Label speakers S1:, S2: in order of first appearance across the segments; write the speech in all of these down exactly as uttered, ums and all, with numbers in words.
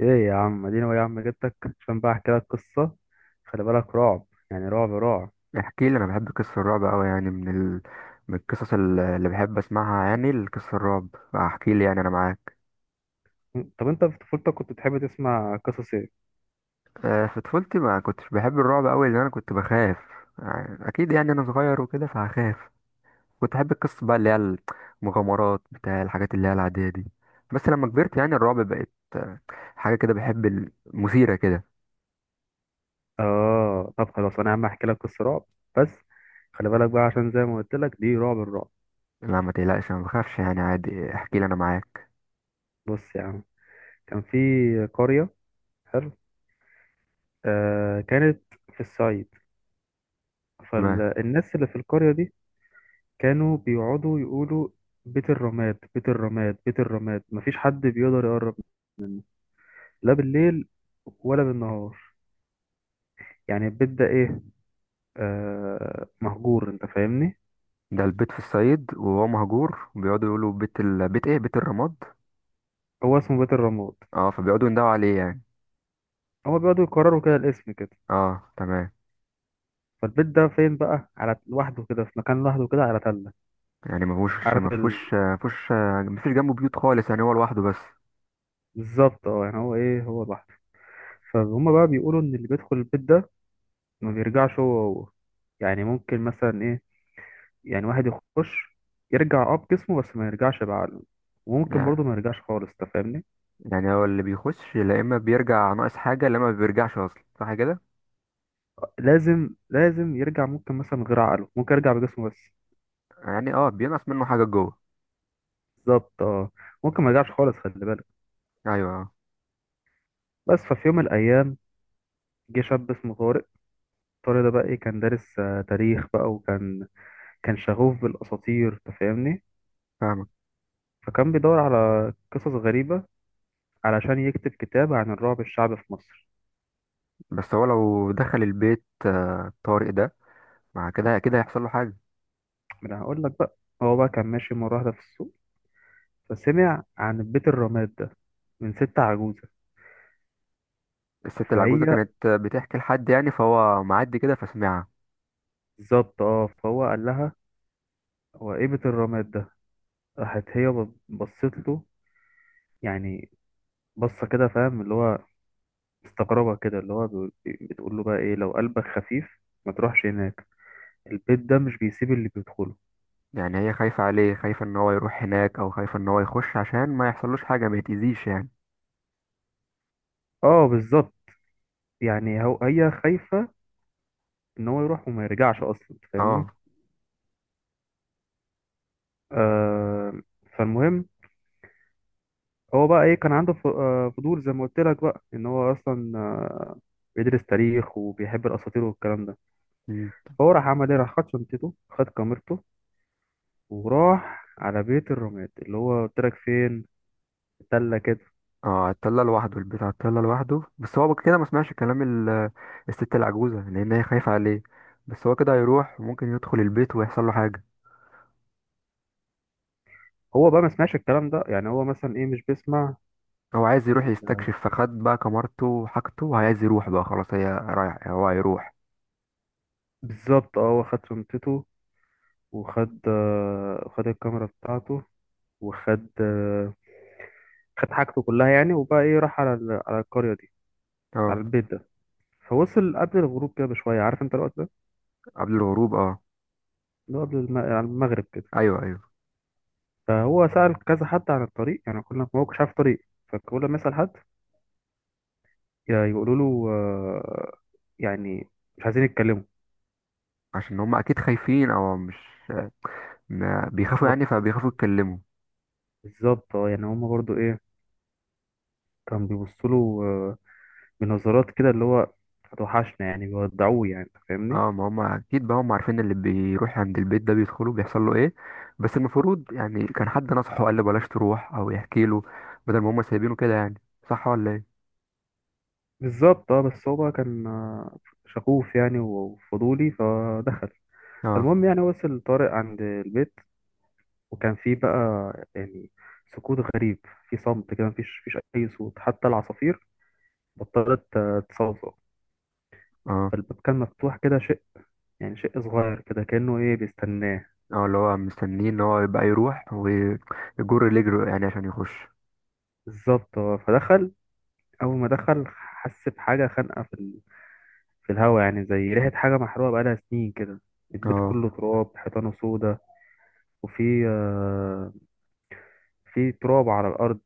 S1: ايه يا عم، اديني هو يا عم، جبتك عشان بقى احكي لك قصه. خلي بالك، رعب يعني رعب رعب.
S2: احكي لي، انا بحب قصص الرعب قوي. يعني من ال... من القصص ال- اللي بحب اسمعها، يعني القصص الرعب. احكي لي، يعني انا معاك.
S1: طب انت في طفولتك كنت بتحب تسمع قصص ايه؟
S2: آه، في طفولتي ما كنتش بحب الرعب قوي لان انا كنت بخاف. يعني اكيد، يعني انا صغير وكده فهخاف. كنت احب القصص بقى اللي هي المغامرات، بتاع الحاجات اللي هي العادية دي. بس لما كبرت، يعني الرعب بقت آه، حاجة كده بحب، المثيرة كده.
S1: اه، طب خلاص، انا يا عم احكي لك قصه رعب بس. خلي بالك بقى، عشان زي ما قلت لك، دي رعب الرعب.
S2: لا، ما تقلقش، انا ما بخافش، يعني عادي. احكي لي، انا معاك.
S1: بص يا عم، كان في قريه، حلو، آه كانت في الصعيد.
S2: تمام.
S1: فالناس اللي في القريه دي كانوا بيقعدوا يقولوا: بيت الرماد، بيت الرماد، بيت الرماد، مفيش حد بيقدر يقرب، لا بالليل ولا بالنهار. يعني البيت ده ايه؟ آه مهجور، انت فاهمني.
S2: ده البيت في الصعيد وهو مهجور بيقعدوا يقولوا بيت ال... بيت ايه، بيت الرماد.
S1: هو اسمه بيت الرماد.
S2: اه، فبيقعدوا يندهوا عليه يعني.
S1: هو بيقعدوا يكرروا كده الاسم كده.
S2: اه، تمام.
S1: فالبيت ده فين بقى، على لوحده كده، في مكان لوحده كده على تلة.
S2: يعني مفهوش
S1: عارف ال...
S2: مفهوش مفهوش. مفيش جنبه بيوت خالص، يعني هو لوحده بس.
S1: بالظبط اه، يعني هو ايه، هو لوحده. فهم بقى بيقولوا ان اللي بيدخل البيت ده ما بيرجعش هو هو، يعني ممكن مثلا ايه، يعني واحد يخش، يرجع اه بجسمه بس ما يرجعش بعقله، وممكن
S2: يعني
S1: برضه ما يرجعش خالص، انت فاهمني.
S2: يعني هو اللي بيخش، لا اما بيرجع ناقص حاجة، لا اما ما بيرجعش اصلا، صح كده؟
S1: لازم لازم يرجع، ممكن مثلا من غير عقله، ممكن يرجع بجسمه بس.
S2: يعني اه، بينقص منه حاجة جوه.
S1: بالظبط اه، ممكن ما يرجعش خالص، خلي بالك.
S2: ايوه، اه.
S1: بس ففي يوم من الأيام جه شاب اسمه طارق. طارق ده بقى إيه، كان دارس آه، تاريخ بقى، وكان كان شغوف بالأساطير، أنت فاهمني.
S2: فاهمك.
S1: فكان بيدور على قصص غريبة علشان يكتب كتاب عن الرعب الشعبي في مصر.
S2: بس هو لو دخل البيت آه، طارق ده، مع كده كده هيحصل له حاجة.
S1: ما أنا هقول لك بقى، هو بقى كان ماشي مرة واحدة في السوق فسمع عن بيت الرماد ده من ست عجوزة.
S2: الست العجوزة
S1: فهي
S2: كانت بتحكي لحد يعني فهو معدي كده فسمعها.
S1: بالظبط اه، فهو قال لها: هو إيه بيت الرماد ده؟ راحت هي بص- بصت له، يعني بصة كده، فاهم اللي هو، استغربها كده، اللي هو بيقول- بتقول له بقى ايه، لو قلبك خفيف ما تروحش هناك، البيت ده مش بيسيب اللي بيدخله.
S2: يعني هي خايفة عليه، خايفة ان هو يروح هناك، او خايفة ان هو يخش عشان ما يحصلوش حاجة، ما يتأذيش يعني.
S1: اه بالظبط، يعني هو هي خايفة ان هو يروح وما يرجعش اصلا، أنت
S2: اه.
S1: فاهمني. آه فالمهم، هو بقى ايه، كان عنده ف- آه، فضول، زي ما قلت لك بقى ان هو اصلا آه، بيدرس تاريخ وبيحب الاساطير والكلام ده. فهو راح عمل ايه، راح خد شنطته، خد كاميرته، وراح على بيت الرماد اللي هو قلت لك، فين التلة كده.
S2: اه، اتطلع لوحده، البيت هتطلع لوحده، بس هو كده ما سمعش كلام ال- الست العجوزة، لأن هي خايفة عليه. بس هو كده هيروح، وممكن يدخل البيت ويحصل له حاجة.
S1: هو بقى ما سمعش الكلام ده، يعني هو مثلا ايه، مش بيسمع.
S2: هو عايز يروح يستكشف، فخد بقى كمارته وحاجته، وعايز يروح بقى خلاص، هي رايح، هو هيروح.
S1: بالظبط اه، هو خد شنطته، وخد آه، خد الكاميرا بتاعته، وخد آه، خد حاجته كلها، يعني وبقى ايه، راح على ال- على القرية دي، على
S2: اه،
S1: البيت ده. فوصل قبل الغروب كده بشوية، عارف انت الوقت ده،
S2: قبل الهروب، اه.
S1: اللي هو قبل الم... على المغرب كده.
S2: ايوه، ايوه.
S1: فهو سأل كذا حد عن الطريق، يعني كنا، ما هو مش عارف طريق. فكل ما يسأل حد يا- يقولوا له، آه، يعني مش عايزين يتكلموا.
S2: عشان هم اكيد خايفين، او مش ما بيخافوا
S1: بالظبط،
S2: يعني فبيخافوا يتكلموا.
S1: بالظبط اه، يعني هما برضو ايه، كانوا بيبصوا له آه، من نظرات كده، اللي هو هتوحشنا، يعني بيودعوه، يعني أنت فاهمني.
S2: اه، ما هم اكيد بقى هم عارفين اللي بيروح عند البيت ده بيدخله بيحصل له ايه. بس المفروض يعني كان حد نصحه قال له بلاش تروح، او يحكي له. بدل ما هم سايبينه كده يعني. صح ولا ايه؟
S1: بالظبط اه، بس هو بقى كان آه، شغوف يعني وفضولي، فدخل.
S2: اه،
S1: المهم، يعني وصل طارق عند البيت، وكان فيه بقى يعني سكوت غريب. في صمت كده، مفيش مفيش أي صوت، حتى العصافير بطلت آه، تصوصو.
S2: اه،
S1: فالباب كان مفتوح كده شيء، يعني شيء صغير كده، كأنه إيه، بيستناه.
S2: اه، اللي هو مستنيه ان هو يبقى يروح ويجر رجله يعني عشان يخش.
S1: بالظبط، آه، فدخل. أول ما دخل حس بحاجة خانقة في في الهوا، يعني زي ريحة حاجة محروقة بقالها سنين كده. البيت
S2: اه،
S1: كله تراب، حيطانه سودا، وفي آه، في تراب على الأرض،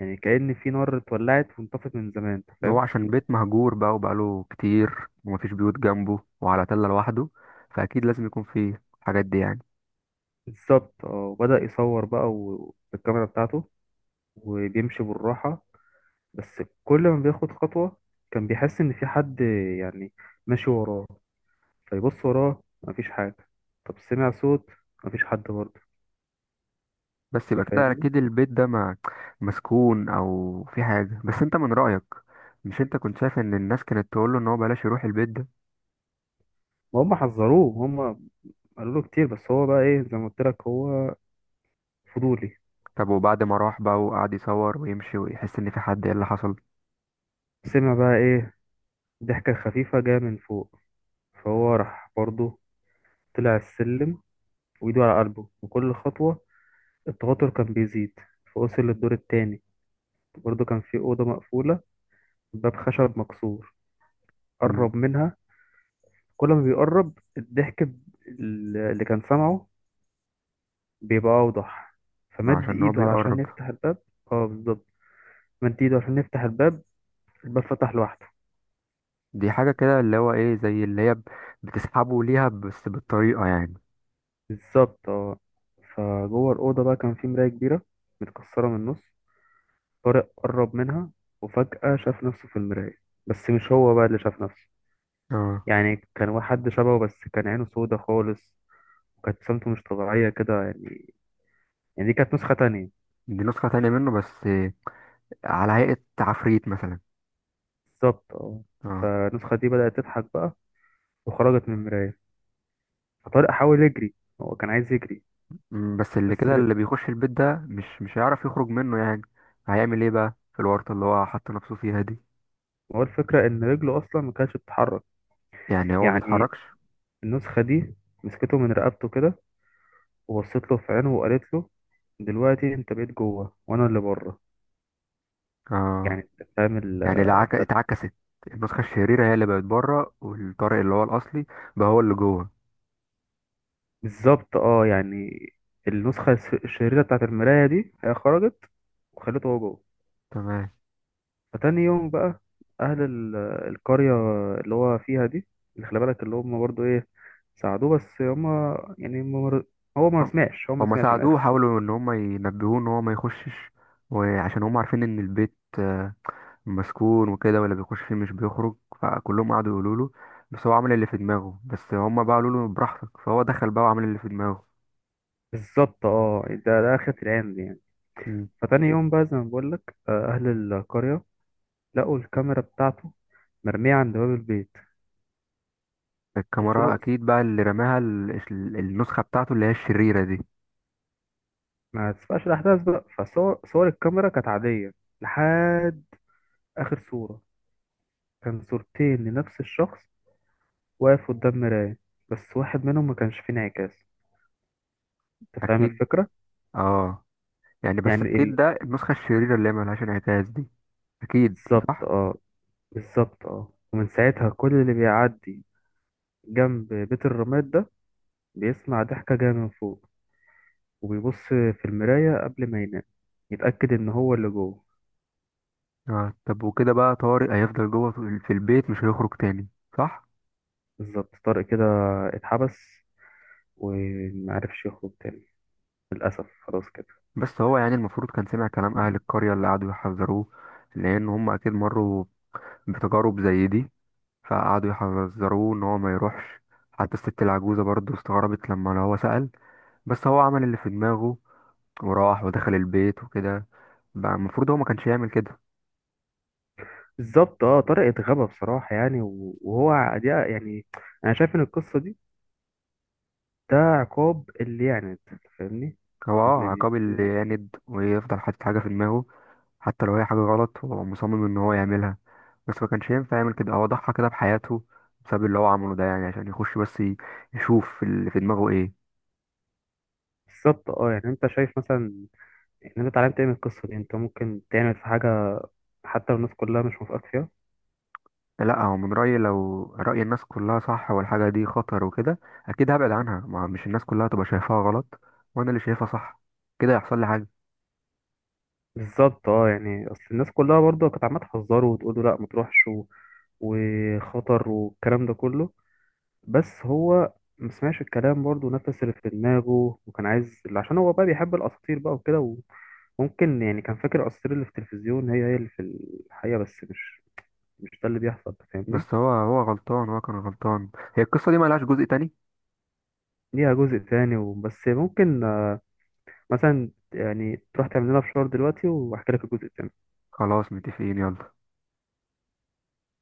S1: يعني كأن في نار اتولعت وانطفت من زمان، انت
S2: هو
S1: فاهم.
S2: عشان بيت مهجور بقى، وبقاله كتير، ومفيش بيوت جنبه، وعلى تلة لوحده. فاكيد لازم يكون فيه الحاجات دي يعني.
S1: بالظبط اه، وبدأ يصور بقى و- بالكاميرا بتاعته، وبيمشي بالراحة. بس كل ما بياخد خطوة، كان بيحس إن في حد، يعني ماشي وراه، فيبص وراه مفيش حاجة. طب سمع صوت، مفيش حد برضه،
S2: بس يبقى
S1: انت
S2: كده
S1: فاهمني.
S2: اكيد البيت ده ما مسكون، او في حاجه، بس انت من رايك. مش انت كنت شايف ان الناس كانت تقول له ان هو بلاش يروح البيت ده؟
S1: ما هم حذروه، هم قالوا له كتير، بس هو بقى ايه، زي ما قلت لك، هو فضولي.
S2: طب وبعد ما راح بقى وقعد يصور ويمشي ويحس ان في حد، ايه اللي حصل؟
S1: سمع بقى ايه، ضحكة خفيفة جاية من فوق، فهو راح برضه طلع السلم وإيده على قلبه، وكل خطوة التوتر كان بيزيد. فوصل للدور التاني، برضه كان في أوضة مقفولة، باب خشب مكسور،
S2: مم.
S1: قرب منها. كل ما بيقرب الضحك ب- اللي كان سامعه بيبقى أوضح،
S2: ما
S1: فمد
S2: عشان هو
S1: إيده
S2: بيقرب.
S1: علشان يفتح الباب. اه بالظبط، مد إيده عشان يفتح الباب، الباب فتح لوحده.
S2: دي حاجه كده اللي هو ايه، زي اللي هي ب- بتسحبه ليها بس بالطريقه يعني.
S1: بالظبط اه، فجوه الأوضة بقى كان في مراية كبيرة متكسرة من النص، طارق قرب منها، وفجأة شاف نفسه في المراية، بس مش هو بقى اللي شاف نفسه.
S2: اه،
S1: يعني كان واحد شبهه، بس كان عينه سودة خالص، وكانت ابتسامته مش طبيعية كده، يعني يعني دي كانت نسخة تانية.
S2: دي نسخه تانية منه، بس على هيئه عفريت مثلا.
S1: بالظبط اه،
S2: اه.
S1: فالنسخة دي بدأت تضحك بقى وخرجت من المراية، فطارق حاول يجري، هو كان عايز يجري.
S2: مم، بس اللي
S1: بس
S2: كده
S1: ر-
S2: اللي بيخش البيت ده مش مش هيعرف يخرج منه يعني. هيعمل ايه بقى في الورطة اللي هو حط نفسه فيها دي؟
S1: هو الفكرة إن رجله أصلا ما كانتش بتتحرك.
S2: يعني هو ما
S1: يعني
S2: بيتحركش.
S1: النسخة دي مسكته من رقبته كده، وبصيت له في عينه وقالت له: دلوقتي انت بقيت جوه وانا اللي بره.
S2: اه،
S1: يعني انت فاهم ال-
S2: يعني العك...
S1: ف-
S2: اتعكست. النسخة الشريرة هي اللي بقت بره، والطارق اللي هو الأصلي بقى هو اللي جوه.
S1: بالظبط اه، يعني النسخة الس- الشريرة بتاعت المراية دي هي خرجت وخلته هو جوه.
S2: تمام.
S1: فتاني يوم بقى، أهل ال- القرية اللي هو فيها دي، اللي خلي بالك اللي هم برضو ايه، ساعدوه بس هم يعني ما مر... هو ما
S2: هم-
S1: سمعش هو ما
S2: هما
S1: سمعش من
S2: ساعدوه،
S1: الآخر.
S2: حاولوا ان هما ينبهوه ان هو ما يخشش. وعشان هما عارفين ان البيت آه، مسكون وكده، واللي بيخش فيه مش بيخرج. فكلهم قعدوا يقولوا له. بس هو عمل اللي في دماغه، بس هما بقى قالوا له براحتك، فهو دخل بقى وعمل اللي في دماغه.
S1: بالظبط اه، يعني ده ده آخرة العين دي يعني.
S2: مم.
S1: فتاني يوم بقى، زي ما بقول لك، آه، أهل القرية لقوا الكاميرا بتاعته مرمية عند باب البيت
S2: الكاميرا
S1: وصور،
S2: اكيد بقى اللي رماها ال- ال- النسخه بتاعته اللي هي الشريره دي.
S1: ما تسبقش الأحداث بقى، فصور صور الكاميرا كانت عادية لحد آخر صورة، كان صورتين لنفس الشخص واقف قدام مراية، بس واحد منهم ما كانش فيه انعكاس، أنت فاهم
S2: اكيد.
S1: الفكرة؟
S2: اه، يعني بس
S1: يعني
S2: اكيد
S1: ال-
S2: ده النسخه الشريره اللي هي ملهاش انعكاس دي. اكيد.
S1: بالظبط
S2: صح.
S1: اه، بالظبط اه، ومن ساعتها كل اللي بيعدي جنب بيت الرماد ده بيسمع ضحكة جاية من فوق، وبيبص في المراية قبل ما ينام يتأكد إن هو اللي جوه.
S2: آه. طب وكده بقى طارق هيفضل جوه في في البيت، مش هيخرج تاني. صح.
S1: بالظبط، طارق كده اتحبس ومعرفش يخرج تاني، للأسف خلاص كده.
S2: بس هو يعني المفروض كان سمع كلام اهل القريه اللي قعدوا يحذروه. لان هم اكيد مروا بتجارب زي دي. فقعدوا يحذروه ان هو ما يروحش. حتى الست العجوزه برضه استغربت لما هو سأل. بس هو عمل اللي في دماغه، وراح ودخل البيت وكده. بقى المفروض هو ما كانش يعمل كده.
S1: بالظبط اه، طارق اتغبى بصراحة يعني، و- وهو ع- دي يعني أنا شايف إن القصة دي، ده عقاب اللي يعني، فاهمني.
S2: هو اه
S1: اللي بي-
S2: عقاب اللي يعند ويفضل حاطط حاجة في دماغه. حتى لو هي حاجة غلط، هو مصمم ان هو يعملها. بس ما كانش ينفع يعمل كده، هو ضحى كده بحياته بسبب اللي هو عمله ده، يعني عشان يخش بس ي- يشوف اللي في دماغه ايه.
S1: بالظبط اه، يعني أنت شايف مثلا إن أنت اتعلمت إيه من القصة دي، أنت ممكن تعمل في حاجة حتى لو الناس كلها مش موافقاك فيها؟
S2: لا، هو من رأيي لو رأي الناس كلها صح والحاجة دي خطر وكده، أكيد هبعد عنها. ما مش الناس كلها تبقى شايفاها غلط وأنا اللي شايفها صح، كده يحصل لي حاجة.
S1: بالظبط اه، يعني أصل الناس كلها برضه كانت عمالة تحذره وتقول له لأ ما تروحش، و- وخطر والكلام ده كله. بس هو ما سمعش الكلام، برضه نفس اللي في دماغه، وكان عايز عشان هو بقى بيحب الاساطير بقى وكده. وممكن يعني كان فاكر الاساطير اللي في التلفزيون هي هي اللي في الحقيقه، بس مش مش ده اللي بيحصل، أنت فاهمني.
S2: بس هو هو غلطان، هو كان غلطان. هي القصة دي ملهاش جزء تاني؟
S1: ليها جزء تاني وبس، ممكن آه، مثلا يعني تروح تعمل لنا فشار دلوقتي واحكي لك الجزء التاني.
S2: خلاص، متفقين، يلا.